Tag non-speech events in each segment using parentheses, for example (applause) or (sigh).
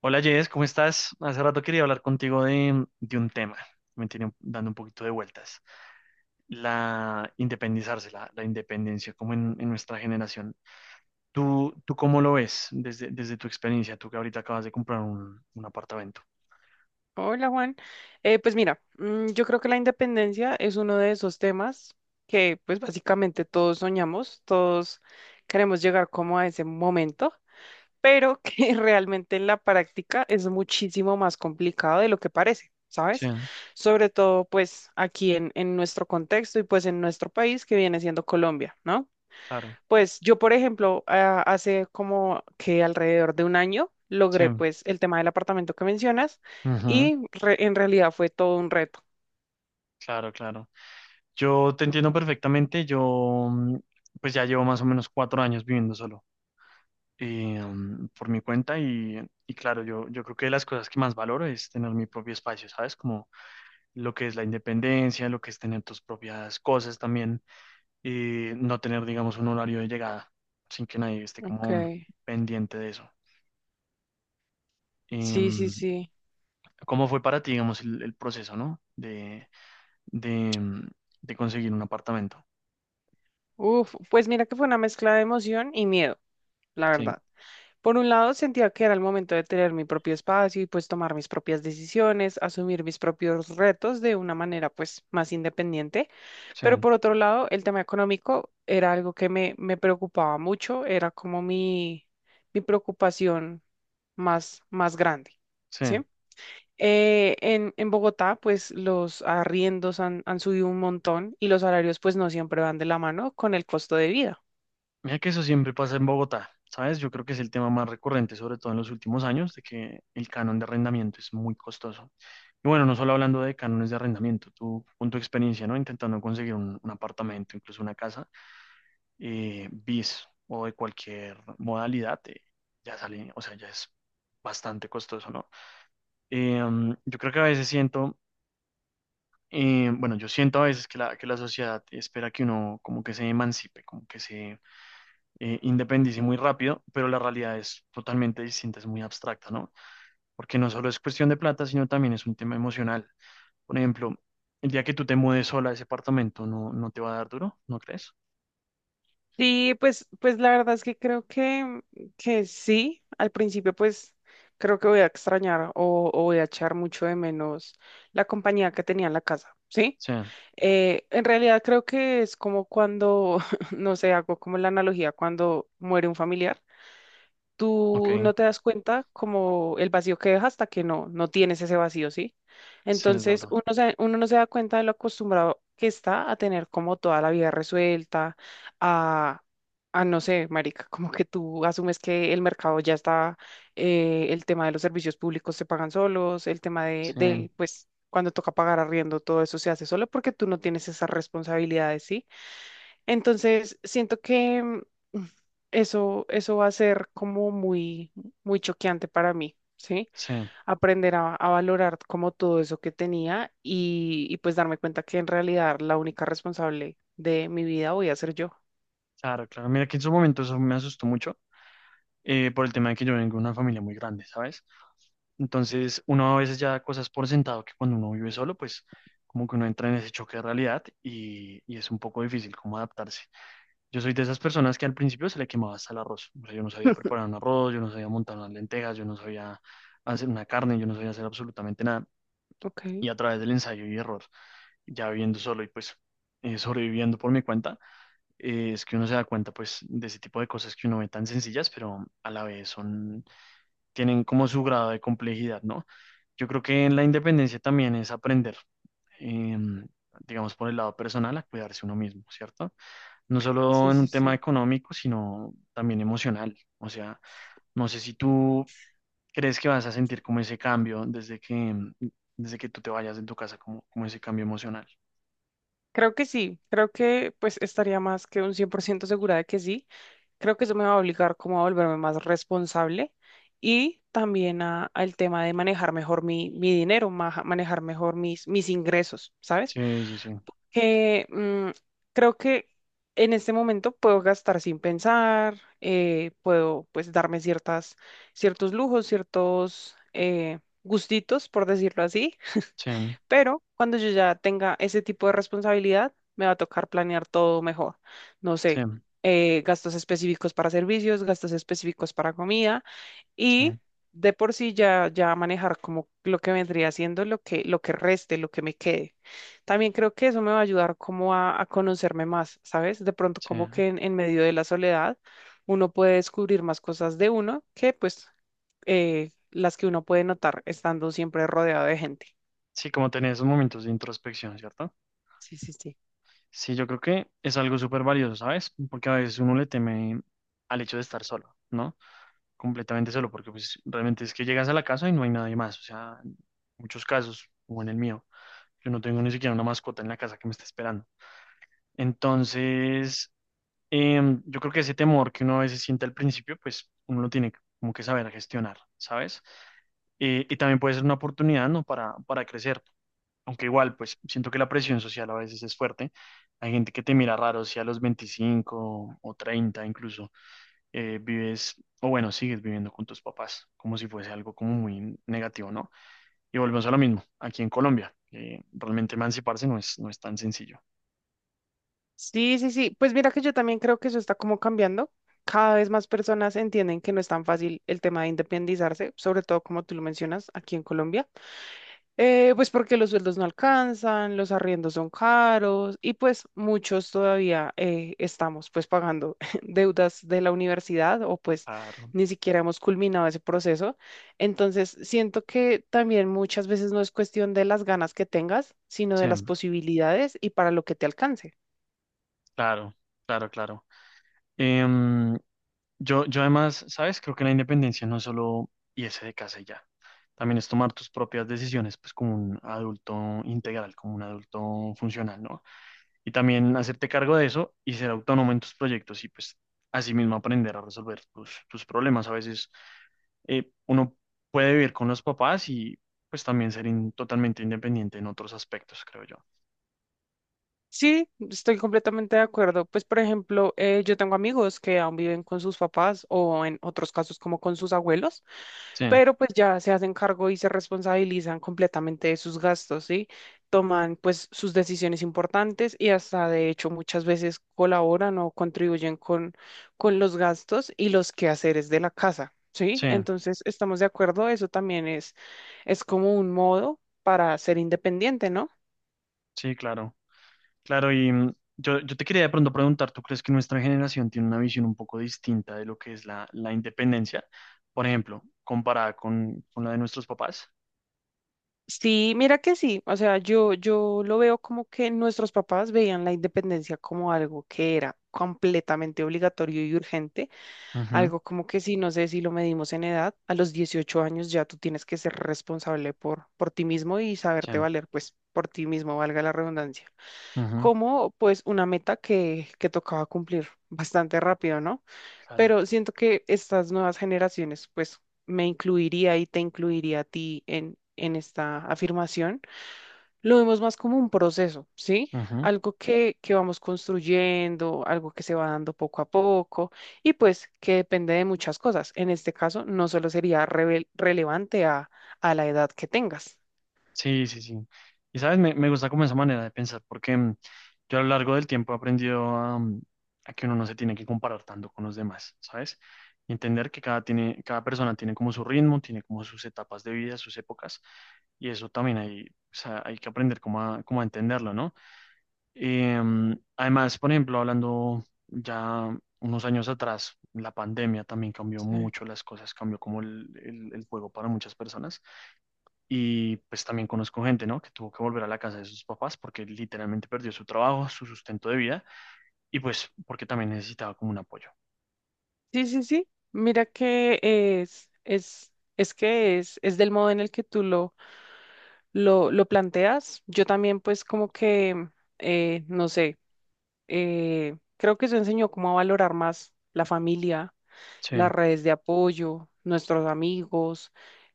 Hola Jess, ¿cómo estás? Hace rato quería hablar contigo de un tema que me tiene dando un poquito de vueltas. La independizarse, la independencia, como en nuestra generación. ¿Tú cómo lo ves desde tu experiencia? Tú que ahorita acabas de comprar un apartamento. Hola Juan. Pues mira, yo creo que la independencia es uno de esos temas que pues básicamente todos soñamos, todos queremos llegar como a ese momento, pero que (laughs) realmente en la práctica es muchísimo más complicado de lo que parece, Sí, ¿sabes? Sobre todo pues aquí en nuestro contexto y pues en nuestro país que viene siendo Colombia, ¿no? claro, Pues yo, por ejemplo, hace como que alrededor de un año sí. logré pues el tema del apartamento que mencionas Ujú. y en realidad fue todo un reto. Claro, claro. Yo te entiendo perfectamente. Pues ya llevo más o menos 4 años viviendo solo, por mi cuenta, y claro, yo creo que de las cosas que más valoro es tener mi propio espacio, ¿sabes? Como lo que es la independencia, lo que es tener tus propias cosas también y no tener, digamos, un horario de llegada sin que nadie esté como Okay. pendiente de eso. Eh, Sí, sí, mm, sí. ¿Cómo fue para ti, digamos, el proceso, ¿no? De, mm, de conseguir un apartamento. Uf, pues mira que fue una mezcla de emoción y miedo, la Sí, verdad. Por un lado, sentía que era el momento de tener mi propio espacio y pues tomar mis propias decisiones, asumir mis propios retos de una manera pues más independiente. sí, Pero por otro lado, el tema económico era algo que me preocupaba mucho, era como mi preocupación más grande, sí. ¿sí? En Bogotá, pues los arriendos han subido un montón y los salarios pues no siempre van de la mano con el costo de vida. Mira que eso siempre pasa en Bogotá, ¿sabes? Yo creo que es el tema más recurrente, sobre todo en los últimos años, de que el canon de arrendamiento es muy costoso. Y bueno, no solo hablando de cánones de arrendamiento, tú con tu experiencia, ¿no? Intentando conseguir un apartamento, incluso una casa, bis o de cualquier modalidad, ya sale, o sea, ya es bastante costoso, ¿no? Yo creo que a veces siento, bueno, yo siento a veces que que la sociedad espera que uno como que se emancipe, como que se independísimo y muy rápido, pero la realidad es totalmente distinta, es muy abstracta, ¿no? Porque no solo es cuestión de plata, sino también es un tema emocional. Por ejemplo, el día que tú te mudes sola a ese apartamento, ¿no, no te va a dar duro? ¿No crees? Sí, pues la verdad es que que sí. Al principio, pues creo que voy a extrañar o voy a echar mucho de menos la compañía que tenía en la casa, ¿sí? Sí, En realidad creo que es como cuando, (laughs) no sé, hago como la analogía cuando muere un familiar. ok, Tú no te das cuenta como el vacío que deja hasta que no tienes ese vacío, ¿sí? sí, es Entonces verdad. Uno no se da cuenta de lo acostumbrado que está a tener como toda la vida resuelta, a, a no sé, marica, como que tú asumes que el mercado ya está, el tema de los servicios públicos se pagan solos, el tema Sí, del, pues, cuando toca pagar arriendo, todo eso se hace solo porque tú no tienes esas responsabilidades, ¿sí? Entonces, siento que eso va a ser como muy, muy choqueante para mí, ¿sí? sí, Aprender a valorar como todo eso que tenía y pues darme cuenta que en realidad la única responsable de mi vida voy a ser yo. claro, claro. Mira que en su momento eso me asustó mucho, por el tema de que yo vengo de una familia muy grande, ¿sabes? Entonces, uno a veces ya da cosas por sentado que cuando uno vive solo, pues como que uno entra en ese choque de realidad y es un poco difícil como adaptarse. Yo soy de esas personas que al principio se le quemaba hasta el arroz. O sea, yo no sabía preparar un arroz, yo no sabía montar unas lentejas, yo no sabía hacer una carne, yo no sabía hacer absolutamente nada. Ok, Y a través del ensayo y error, ya viviendo solo y pues sobreviviendo por mi cuenta, es que uno se da cuenta pues de ese tipo de cosas que uno ve tan sencillas, pero a la vez son, tienen como su grado de complejidad, ¿no? Yo creo que en la independencia también es aprender, em, digamos por el lado personal, a cuidarse uno mismo, ¿cierto? No solo sí, en un sí, tema sí. económico, sino también emocional. O sea, no sé si tú crees que vas a sentir como ese cambio desde que tú te vayas de tu casa, como, como ese cambio emocional. Creo que sí, creo que pues estaría más que un 100% segura de que sí. Creo que eso me va a obligar como a volverme más responsable y también al tema de manejar mejor mi dinero, manejar mejor mis ingresos, ¿sabes? Sí, sí, sí. Que creo que en este momento puedo gastar sin pensar. Puedo pues darme ciertos lujos, ciertos gustitos, por decirlo así, Sí, pero cuando yo ya tenga ese tipo de responsabilidad, me va a tocar planear todo mejor. No sí, sé, gastos específicos para servicios, gastos específicos para comida sí, y de por sí ya manejar como lo que vendría siendo lo que reste, lo que me quede. También creo que eso me va a ayudar como a conocerme más, ¿sabes? De pronto sí. como que en medio de la soledad uno puede descubrir más cosas de uno que pues las que uno puede notar estando siempre rodeado de gente. Sí, como tener esos momentos de introspección, ¿cierto? Sí, sí, sí. Sí, yo creo que es algo súper valioso, ¿sabes? Porque a veces uno le teme al hecho de estar solo, ¿no? Completamente solo, porque pues realmente es que llegas a la casa y no hay nadie más, o sea, en muchos casos, o en el mío. Yo no tengo ni siquiera una mascota en la casa que me esté esperando. Entonces, yo creo que ese temor que uno a veces siente al principio, pues uno lo tiene como que saber gestionar, ¿sabes? Y también puede ser una oportunidad, ¿no? Para crecer. Aunque igual, pues siento que la presión social a veces es fuerte. Hay gente que te mira raro si a los 25 o 30 incluso vives, o bueno, sigues viviendo con tus papás, como si fuese algo como muy negativo, ¿no? Y volvemos a lo mismo, aquí en Colombia, realmente emanciparse no es, no es tan sencillo. Sí, sí, sí. Pues mira que yo también creo que eso está como cambiando. Cada vez más personas entienden que no es tan fácil el tema de independizarse, sobre todo como tú lo mencionas aquí en Colombia. Pues porque los sueldos no alcanzan, los arriendos son caros y pues muchos todavía estamos pues pagando (laughs) deudas de la universidad o pues Claro, ni siquiera hemos culminado ese proceso. Entonces siento que también muchas veces no es cuestión de las ganas que tengas, sino de sí, las posibilidades y para lo que te alcance. claro, claro, claro. Em, yo además, ¿sabes? Creo que la independencia no es solo irse de casa y ya. También es tomar tus propias decisiones, pues como un adulto integral, como un adulto funcional, ¿no? Y también hacerte cargo de eso y ser autónomo en tus proyectos y pues asimismo aprender a resolver tus problemas. A veces uno puede vivir con los papás y pues también ser totalmente independiente en otros aspectos, creo yo. Sí, estoy completamente de acuerdo. Pues, por ejemplo, yo tengo amigos que aún viven con sus papás o en otros casos como con sus abuelos, Sí, pero pues ya se hacen cargo y se responsabilizan completamente de sus gastos, ¿sí? Toman pues sus decisiones importantes y hasta de hecho muchas veces colaboran o contribuyen con los gastos y los quehaceres de la casa, ¿sí? sí, Entonces, estamos de acuerdo, eso también es como un modo para ser independiente, ¿no? sí, claro. Claro, y mm, yo te quería de pronto preguntar, ¿tú crees que nuestra generación tiene una visión un poco distinta de lo que es la independencia? Por ejemplo, comparada con la de nuestros papás. Sí, mira que sí, o sea, yo lo veo como que nuestros papás veían la independencia como algo que era completamente obligatorio y urgente, Ujú, algo como que si, no sé si lo medimos en edad, a los 18 años ya tú tienes que ser responsable por ti mismo y saberte sí, valer, pues por ti mismo, valga la redundancia, ujú, como pues una meta que tocaba cumplir (laughs) bastante rápido, ¿no? claro. Pero siento que estas nuevas generaciones, pues me incluiría y te incluiría a ti en esta afirmación lo vemos más como un proceso, ¿sí? Ujú. Algo que vamos construyendo, algo que se va dando poco a poco y pues que depende de muchas cosas. En este caso, no solo sería relevante a la edad que tengas. Sí, sí, sí. Y sabes, me gusta como esa manera de pensar, porque mm, yo a lo largo del tiempo he aprendido a, mm, a que uno no se tiene que comparar tanto con los demás, ¿sabes? Y entender que cada, tiene, cada persona tiene como su ritmo, tiene como sus etapas de vida, sus épocas, y eso también hay, o sea, hay que aprender como a, como a entenderlo, ¿no? Em, además, por ejemplo, hablando ya unos años atrás, la pandemia también cambió Sí, mucho las cosas, cambió como el juego para muchas personas y pues también conozco gente, ¿no? Que tuvo que volver a la casa de sus papás porque literalmente perdió su trabajo, su sustento de vida, y pues porque también necesitaba como un apoyo. sí, sí. Sí. Mira que es que es del modo en el que lo planteas. Yo también pues como que, no sé, creo que eso enseñó cómo a valorar más la familia, Sí, las redes de apoyo, nuestros amigos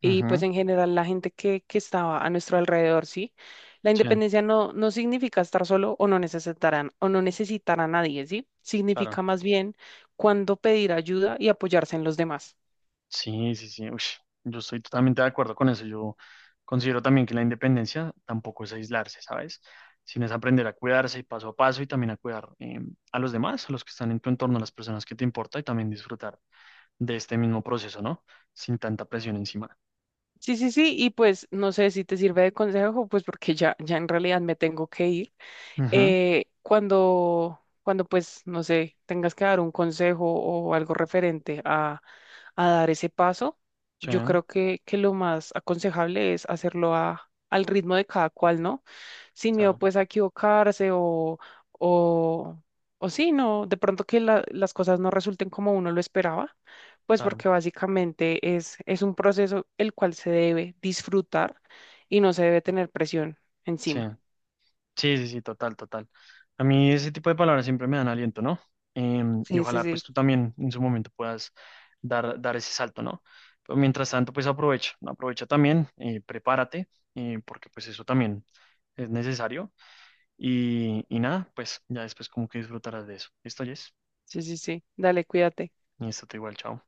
y pues ujú, en general la gente que estaba a nuestro alrededor, ¿sí? La sí, independencia no significa estar solo o no necesitarán o no necesitar a nadie, ¿sí? claro. Significa más bien cuando pedir ayuda y apoyarse en los demás. Sí, sí, sí. Ush, yo estoy totalmente de acuerdo con eso. Yo considero también que la independencia tampoco es aislarse, ¿sabes? Sino es aprender a cuidarse y paso a paso y también a cuidar a los demás, a los que están en tu entorno, a las personas que te importa y también disfrutar de este mismo proceso, ¿no? Sin tanta presión encima. Sí, sí, sí, y pues no sé si te sirve de consejo, pues porque ya en realidad me tengo que ir. Ujú, Cuando pues, no sé, tengas que dar un consejo o algo referente a dar ese paso, sí, yo creo que lo más aconsejable es hacerlo al ritmo de cada cual, ¿no? Sin miedo claro, pues a equivocarse o, o sí, no, de pronto que las cosas no resulten como uno lo esperaba, pues claro. porque básicamente es un proceso el cual se debe disfrutar y no se debe tener presión Sí, encima. sí, sí, sí, total, total. A mí ese tipo de palabras siempre me dan aliento, ¿no? Em, y Sí, sí, ojalá sí, pues tú también en su momento puedas dar ese salto, ¿no? Pero mientras tanto, pues aprovecha, aprovecha también, prepárate, porque pues eso también es necesario. Y y nada, pues ya después como que disfrutarás de eso. Esto ya es, sí, sí, sí. Dale, cuídate. y esto te igual, chao.